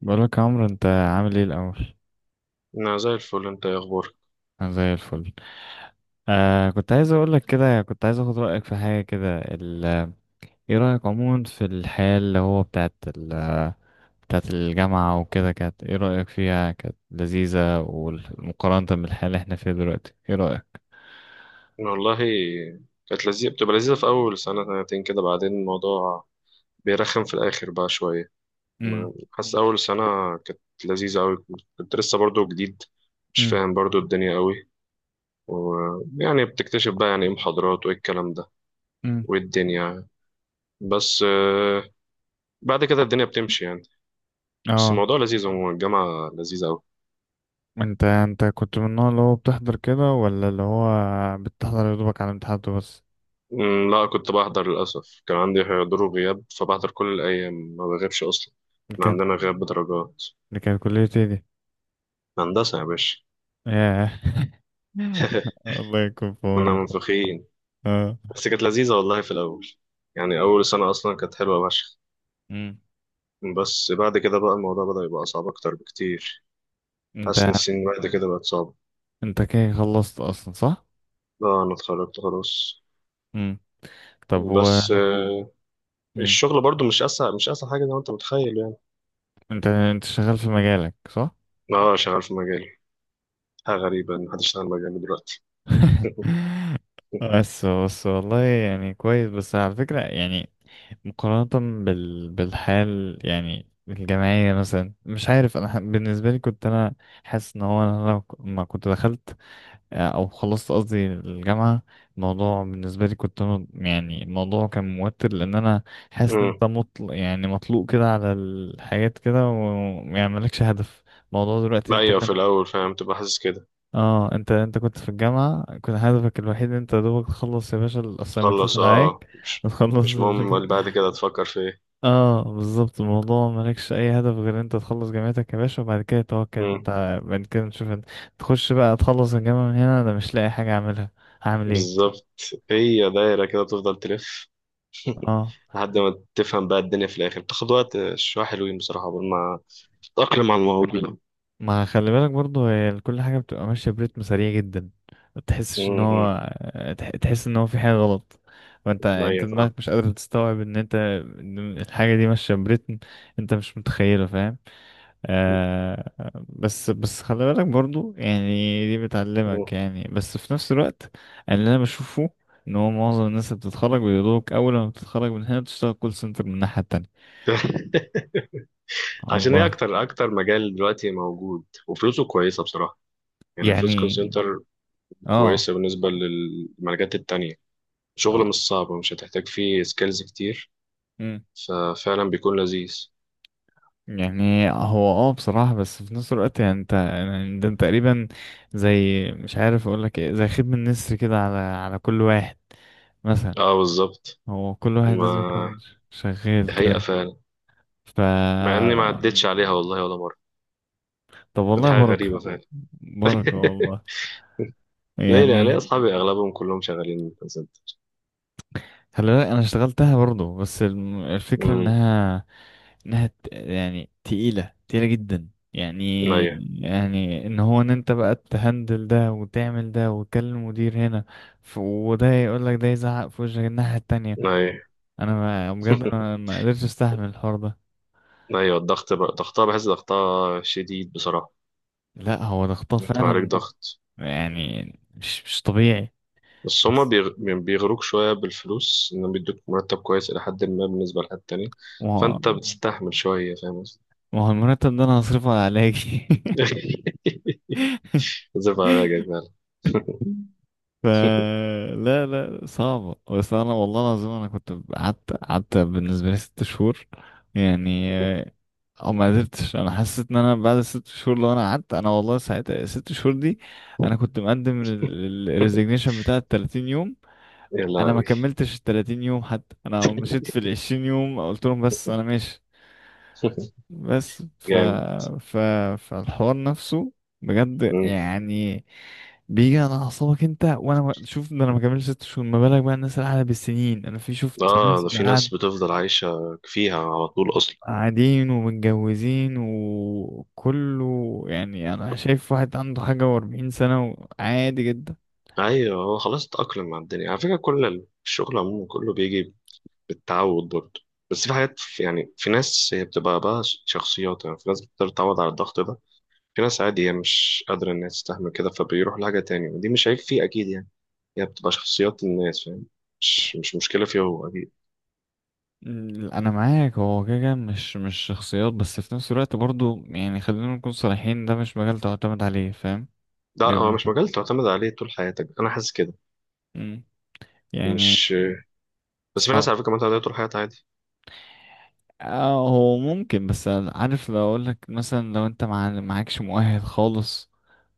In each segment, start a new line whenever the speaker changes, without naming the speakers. بقولك يا عمرو، انت عامل ايه الاول؟
انا زي الفل، انت ايه اخبارك؟
انا زي الفل. كنت عايز اقولك كده، كنت عايز اخد رايك في حاجه كده ايه رايك عموما في الحياه اللي هو بتاعت بتاعت الجامعه وكده؟ كانت ايه رايك فيها؟ كانت لذيذه، والمقارنه بالحياه اللي احنا فيها دلوقتي، ايه رايك؟
أنا والله كانت لذيذه، بتبقى لذيذه في اول سنه سنتين كده، بعدين الموضوع بيرخم في الاخر بقى شويه.
امم.
حاسس اول سنه كانت لذيذه قوي. كنت لسه برضو جديد، مش
امم.
فاهم برضو الدنيا قوي، ويعني بتكتشف بقى يعني ايه محاضرات وايه الكلام ده
امم.
وايه الدنيا. بس بعد كده الدنيا بتمشي يعني. بس
اه.
الموضوع لذيذ عموما، الجامعه لذيذه قوي.
انت كنت من النوع اللي هو بتحضر كده، ولا اللي هو بتحضر يا دوبك على امتحاناته بس؟
مم، لا كنت بحضر، للأسف كان عندي حضور وغياب فبحضر كل الأيام، ما بغيبش أصلا.
دي
احنا
كانت
عندنا غياب بدرجات.
دي كانت كليتي دي.
هندسة يا باشا.
ياه. الله يكون في
كنا
عونك.
منفخين.
اه.
بس كانت لذيذة والله في الأول، يعني أول سنة أصلا كانت حلوة فشخ.
مم.
بس بعد كده بقى الموضوع بدأ يبقى صعب أكتر بكتير،
انت
حاسس إن السنين بعد كده بقت صعبة.
انت كده خلصت اصلا، صح؟
اه أنا اتخرجت خلاص.
مم. طب و...
بس
مم.
الشغل برضو مش أسهل، مش أسهل حاجة زي ما أنت متخيل يعني.
انت شغال في مجالك، صح؟
اه شغال في مجالي. حاجة غريبة إن حد يشتغل مجالي دلوقتي. اوكي.
بس والله يعني كويس، بس على فكرة يعني. مقارنة بال... بالحال، يعني الجامعية مثلا، مش عارف أنا ح... بالنسبة لي كنت أنا حاسس إن هو أنا لو ما كنت دخلت، أو خلصت قصدي الجامعة. الموضوع بالنسبة لي كنت أنا، يعني الموضوع كان موتر، لأن أنا حاسس إن
امم.
أنت مطل... يعني مطلوق كده على الحاجات كده، ويعني مالكش هدف. الموضوع دلوقتي أنت
ايوه
كان...
في الاول فاهم، تبقى حاسس كده.
اه، انت كنت في الجامعة، كان هدفك الوحيد إن انت دوبك تخلص يا باشا الاسايمنتات
خلص
اللي عليك
مش
وتخلص.
مش مهم اللي بعد كده تفكر في ايه.
اه بالظبط، الموضوع مالكش اي هدف غير انت تخلص جامعتك يا باشا، وبعد كده توكل
امم.
انت بعد كده نشوف انت تخش بقى تخلص الجامعة. من هنا انا مش لاقي حاجة اعملها، هعمل ايه؟
بالظبط. هي دايره كده تفضل تلف،
اه.
لحد ما تفهم بقى الدنيا في الاخر، بتاخد وقت شويه حلوين بصراحه قبل ما تتاقلم على الموضوع.
ما خلي بالك برضو، هي كل حاجة بتبقى ماشية بريتم سريع جدا، ما تحسش ان
امم، أمم.
هو تحس ان هو في حاجة غلط، وانت انت
ايوه
دماغك
فاهم.
مش قادر تستوعب ان انت... إن الحاجة دي ماشية بريتم انت مش متخيله، فاهم؟ آه. بس خلي بالك برضو، يعني دي بتعلمك
مم.
يعني، بس في نفس الوقت اللي انا بشوفه ان هو معظم الناس اللي بتتخرج بيقولوك اول ما بتتخرج من هنا بتشتغل كول سنتر من الناحية التانية.
عشان هي
الله.
اكتر مجال دلوقتي موجود وفلوسه كويسه بصراحه. يعني فلوس كول
يعني
سنتر
اه.
كويسه بالنسبه للمجالات التانية. شغل
اه.
مش صعب ومش هتحتاج فيه سكيلز كتير،
مم.
ففعلا بيكون لذيذ.
يعني هو اه بصراحة، بس في نفس الوقت يعني انت يعني ده انت تقريبا زي... مش عارف اقول لك ايه، زي خدمة النسر كده على على كل واحد مثلا،
اه بالظبط.
هو كل واحد لازم
ما
يكون
دي
شغال
حقيقه
كده.
فعلا،
ف
مع اني ما عدتش عليها والله ولا مره.
طب
دي
والله
حاجه غريبه
بركة،
فعلا.
بركة والله
ليه لا، ليه
يعني.
اصحابي اغلبهم كلهم شغالين كول سنتر؟
خلي بالك انا اشتغلتها برضو، بس الفكرة
امم.
انها يعني تقيلة تقيلة جدا
ايوه
يعني، يعني ان هو ان انت بقى تهندل ده وتعمل ده وتكلم المدير هنا، وده يقول لك ده، يزعق في وشك الناحية التانية.
ايوه.
انا ما بجد انا ما قدرتش استحمل الحوار ده.
ايوه الضغط بقى، ضغطها بحس ضغطها شديد بصراحه.
لا هو ده خطاه
انت بقى عليك
فعلا
ضغط.
يعني، مش طبيعي.
بس هما
بس
بيغروك شوية بالفلوس، إنهم بيدوك مرتب كويس إلى حد ما بالنسبة لحد تاني،
ما هو،
فأنت بتستحمل شوية. فاهم قصدي؟
ما هو المرتب ده انا هصرفه على علاجي.
زف على راجلك فعلا.
ف لا صعبة، بس أنا والله العظيم أنا كنت قعدت بالنسبة لي ست شهور يعني، أو ما قدرتش، أنا حسيت إن أنا بعد ست شهور لو أنا قعدت، أنا والله ساعتها الست شهور دي أنا كنت مقدم الريزيجنيشن بتاع ال 30 يوم.
يا
أنا ما
لهوي.
كملتش ال 30 يوم، حتى أنا مشيت في ال 20 يوم قلت لهم بس أنا ماشي. بس ف
جامد.
ف فالحوار نفسه بجد
مم.
يعني بيجي على أعصابك أنت، وأنا شوف ده أنا ما كملش ست شهور، ما بالك بقى الناس اللي قاعدة بالسنين؟ أنا في شفت
آه
ناس
ده في ناس بتفضل عايشة فيها على طول أصلا.
قاعدين ومتجوزين وكله، يعني أنا شايف واحد عنده حاجة وأربعين سنة وعادي جدا.
أيوه هو خلاص اتأقلم مع الدنيا على فكرة، كل الشغل عموما كله بيجي بالتعود برضه. بس في حاجات يعني، في ناس هي بتبقى بقى شخصيات، يعني في ناس بتقدر تتعود على الضغط ده، في ناس عادي هي مش قادرة إنها تستحمل كده فبيروح لحاجة تانية، ودي مش عيب فيه أكيد يعني. هي بتبقى شخصيات الناس، فاهم. مش مشكلة فيه هو أكيد.
أنا معاك، هو كده كده مش شخصيات، بس في نفس الوقت برضو يعني خلينا نكون صريحين، ده مش مجال تعتمد عليه، فاهم؟
ده
بيبقى
هو مش
معتمد.
مجال تعتمد عليه طول حياتك، أنا حاسس كده.
مم. يعني
مش بس في ناس
صعب.
على فكرة معتمدة عليه طول حياتها عادي.
اه هو ممكن، بس عارف لو اقول لك مثلا لو انت معكش مؤهل خالص،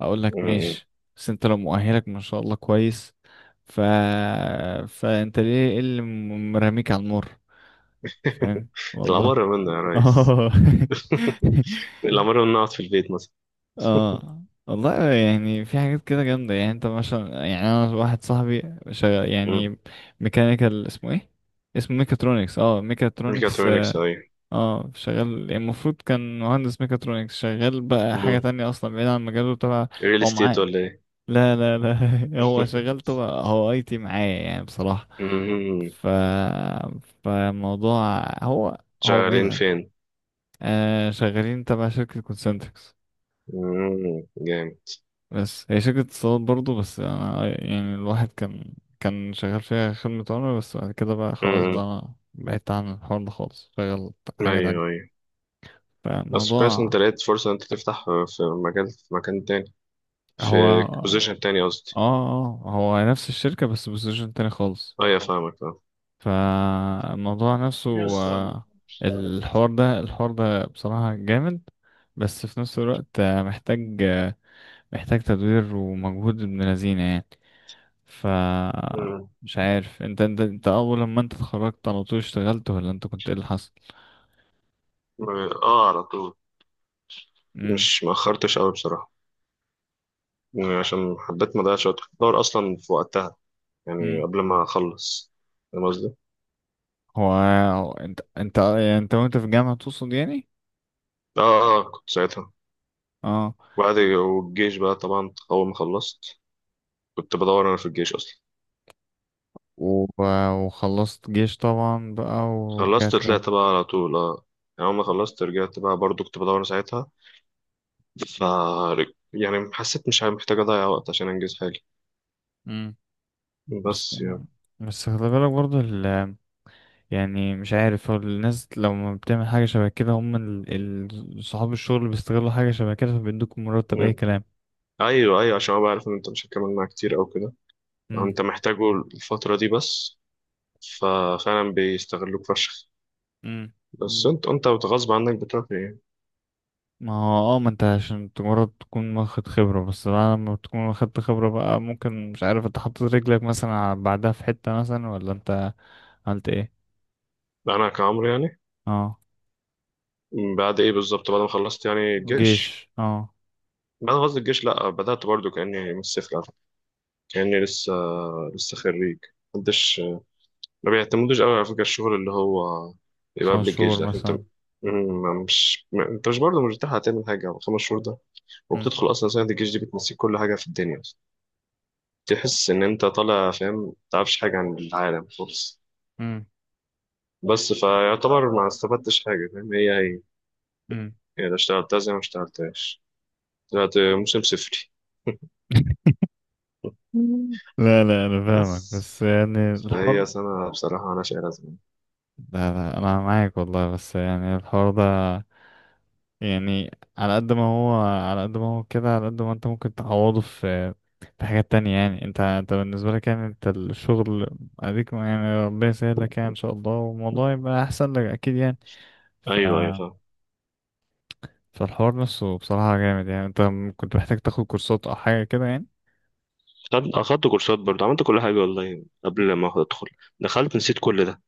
اقول لك
م.
ماشي. بس انت لو مؤهلك ما شاء الله كويس، ف... فانت ليه، إيه اللي مرميك على النار؟ فاهم والله.
الأمر منه يا ريس.
اه.
الأمر منه أقعد في البيت مثلا.
اه والله يعني في حاجات كده جامدة، يعني انت مثلا، يعني انا واحد صاحبي شغال
م.
يعني ميكانيكال، اسمه ايه، اسمه ميكاترونكس، اه ميكاترونكس،
ميكاترونكس
اه
أيوة.
شغال يعني، المفروض كان مهندس ميكاترونكس، شغال بقى حاجة
م.
تانية اصلا بعيد عن مجاله تبع.
ريل
هو معاه...
استيت ولا إيه؟
لا، لا، لا. هو شغلته، هو اي تي معايا يعني بصراحة.
م.
ف فالموضوع هو... هو بعيد
شغالين
عن...
فين؟
آه شغالين تبع شركة كونسنتريكس،
م. جامد.
بس هي شركة اتصالات برضو، بس أنا يعني الواحد كان... كان شغال فيها خدمة عملاء، بس بعد كده بقى خلاص، بقى
م-
أنا بعدت عن الحوار ده خالص، شغال
م.
حاجة
أيوه
تانية.
أيوه. بس كويس إن
فالموضوع
انت لقيت فرصة إن انت تفتح في مجال، في مكان تاني، في
هو اه،
بوزيشن تاني قصدي.
هو نفس الشركة بس بوزيشن تاني خالص.
اه يا فاهمك اه.
فالموضوع نفسه، آه، الحوار ده، الحوار ده بصراحة جامد، بس في نفس الوقت محتاج، محتاج تدوير ومجهود ابن لذينة يعني. ف...
مم.
مش عارف انت، انت اول لما انت اتخرجت على طول اشتغلت، ولا انت كنت ايه اللي حصل؟
اه على طول.
امم.
مش مأخرتش قوي بصراحة، يعني عشان حبيت ما اضيعش وقت، كنت بدور اصلا في وقتها، يعني
امم.
قبل ما اخلص، فاهم قصدي؟
هو هو انت، يعني انت وانت في الجامعة تقصد يعني؟
اه. اه كنت ساعتها.
اه
والجيش بقى طبعا اول ما خلصت، كنت بدور انا في الجيش اصلا.
و... وخلصت جيش طبعا بقى ورجعت
خلصت
تاني.
طلعت بقى على طول اه. يعني اول ما خلصت رجعت بقى برضو كنت بدور ساعتها. ف يعني حسيت مش محتاج أضيع وقت عشان أنجز حاجة.
امم. بس
بس يعني.
بس خلي بالك برضه، يعني مش عارف هو الناس لما بتعمل حاجة شبه كده، هم ال... ال... صحاب الشغل بيستغلوا حاجة شبه كده، فبيدوك مرتب أي
مم.
كلام.
أيوه أيوه عشان أبقى عارف إن أنت مش هتكمل معاه كتير أو كده، أو
مم.
أنت محتاجه الفترة دي بس. ففعلا بيستغلوك فشخ.
امم.
بس، مم. أنت غصب عنك بتروح إيه؟
ما هو اه، ما انت عشان مجرد تكون واخد خبرة، بس بعد ما تكون واخدت خبرة بقى ممكن، مش عارف انت حطيت رجلك مثلا على- بعدها في حتة مثلا، ولا انت عملت ايه؟
أنا كعمرو يعني.
اه
مم، بعد إيه بالظبط، بعد ما خلصت يعني الجيش،
جيش اه.
بعد ما خلصت الجيش لأ بدأت برضو كأني من الصفر على فكرة. كأني لسه خريج. محدش ما بيعتمدوش قوي على فكرة، الشغل اللي هو يبقى
خمس
قبل الجيش
شهور
ده، عشان انت
مثلا.
م- مش م- انت مش برضه مش بتلحق تعمل حاجة على 5 شهور ده.
مم.
وبتدخل أصلا. سنة الجيش دي بتنسيك كل حاجة في الدنيا أصلا. تحس إن أنت طالع فاهم، متعرفش حاجة عن العالم خالص.
امم.
بس فيعتبر ما استفدتش حاجة، فاهم. هي هي
امم.
هي لا اشتغلتها زي ما اشتغلتهاش، طلعت موسم صفري.
لا انا فاهمك،
بس
بس يعني
فهي
الحوار...
سنة بصراحة أنا شايلها زمان.
لا انا معاك والله، بس يعني الحوار ده يعني، على قد ما هو، على قد ما هو كده، على قد ما انت ممكن تعوضه في حاجات تانية، يعني انت، بالنسبة لك يعني، انت الشغل اديك، يعني ربنا يسهل لك، يعني ان شاء الله والموضوع يبقى احسن لك اكيد يعني. ف
أيوه أيوه فاهم.
فالحوار نفسه بصراحة جامد يعني، انت كنت محتاج تاخد كورسات او حاجة كده يعني.
أخدت كورسات برضه، عملت كل حاجة والله قبل ما أدخل. دخلت نسيت كل ده.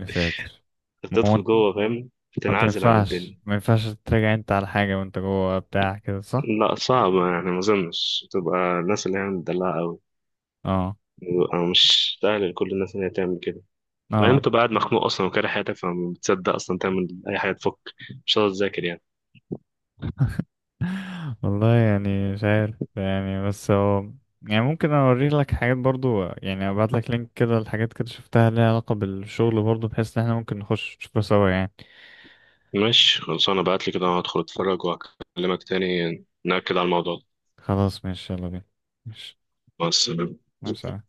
يا ساتر. ما هو
بتدخل
انت،
جوه فاهم،
ما
بتنعزل عن
ينفعش،
الدنيا.
ما ينفعش تراجع انت على حاجة وانت جوه بتاع كده، صح؟
لا صعبة يعني، ما أظنش، تبقى الناس اللي هي مدلعة أوي
اه.
بيبقى مش سهل لكل الناس إن هي تعمل كده. بعدين
اه
بتبقى قاعد مخنوق أصلا وكاره حياتك، فما بتصدق أصلا تعمل أي حاجة تفك، مش هتقدر تذاكر يعني.
والله يعني مش عارف يعني، بس هو يعني ممكن اوريك لك حاجات برضو يعني، ابعت لك لينك كده لحاجات كده شفتها ليها علاقة بالشغل برضو، بحيث ان احنا ممكن نخش نشوفها سوا يعني.
ماشي خلصانة، بعتلي كده أنا هدخل أتفرج وأكلمك تاني، نأكد على الموضوع ده.
خلاص ماشي، يلا بينا. ماشي.
مع السلامة.
مع السلامة.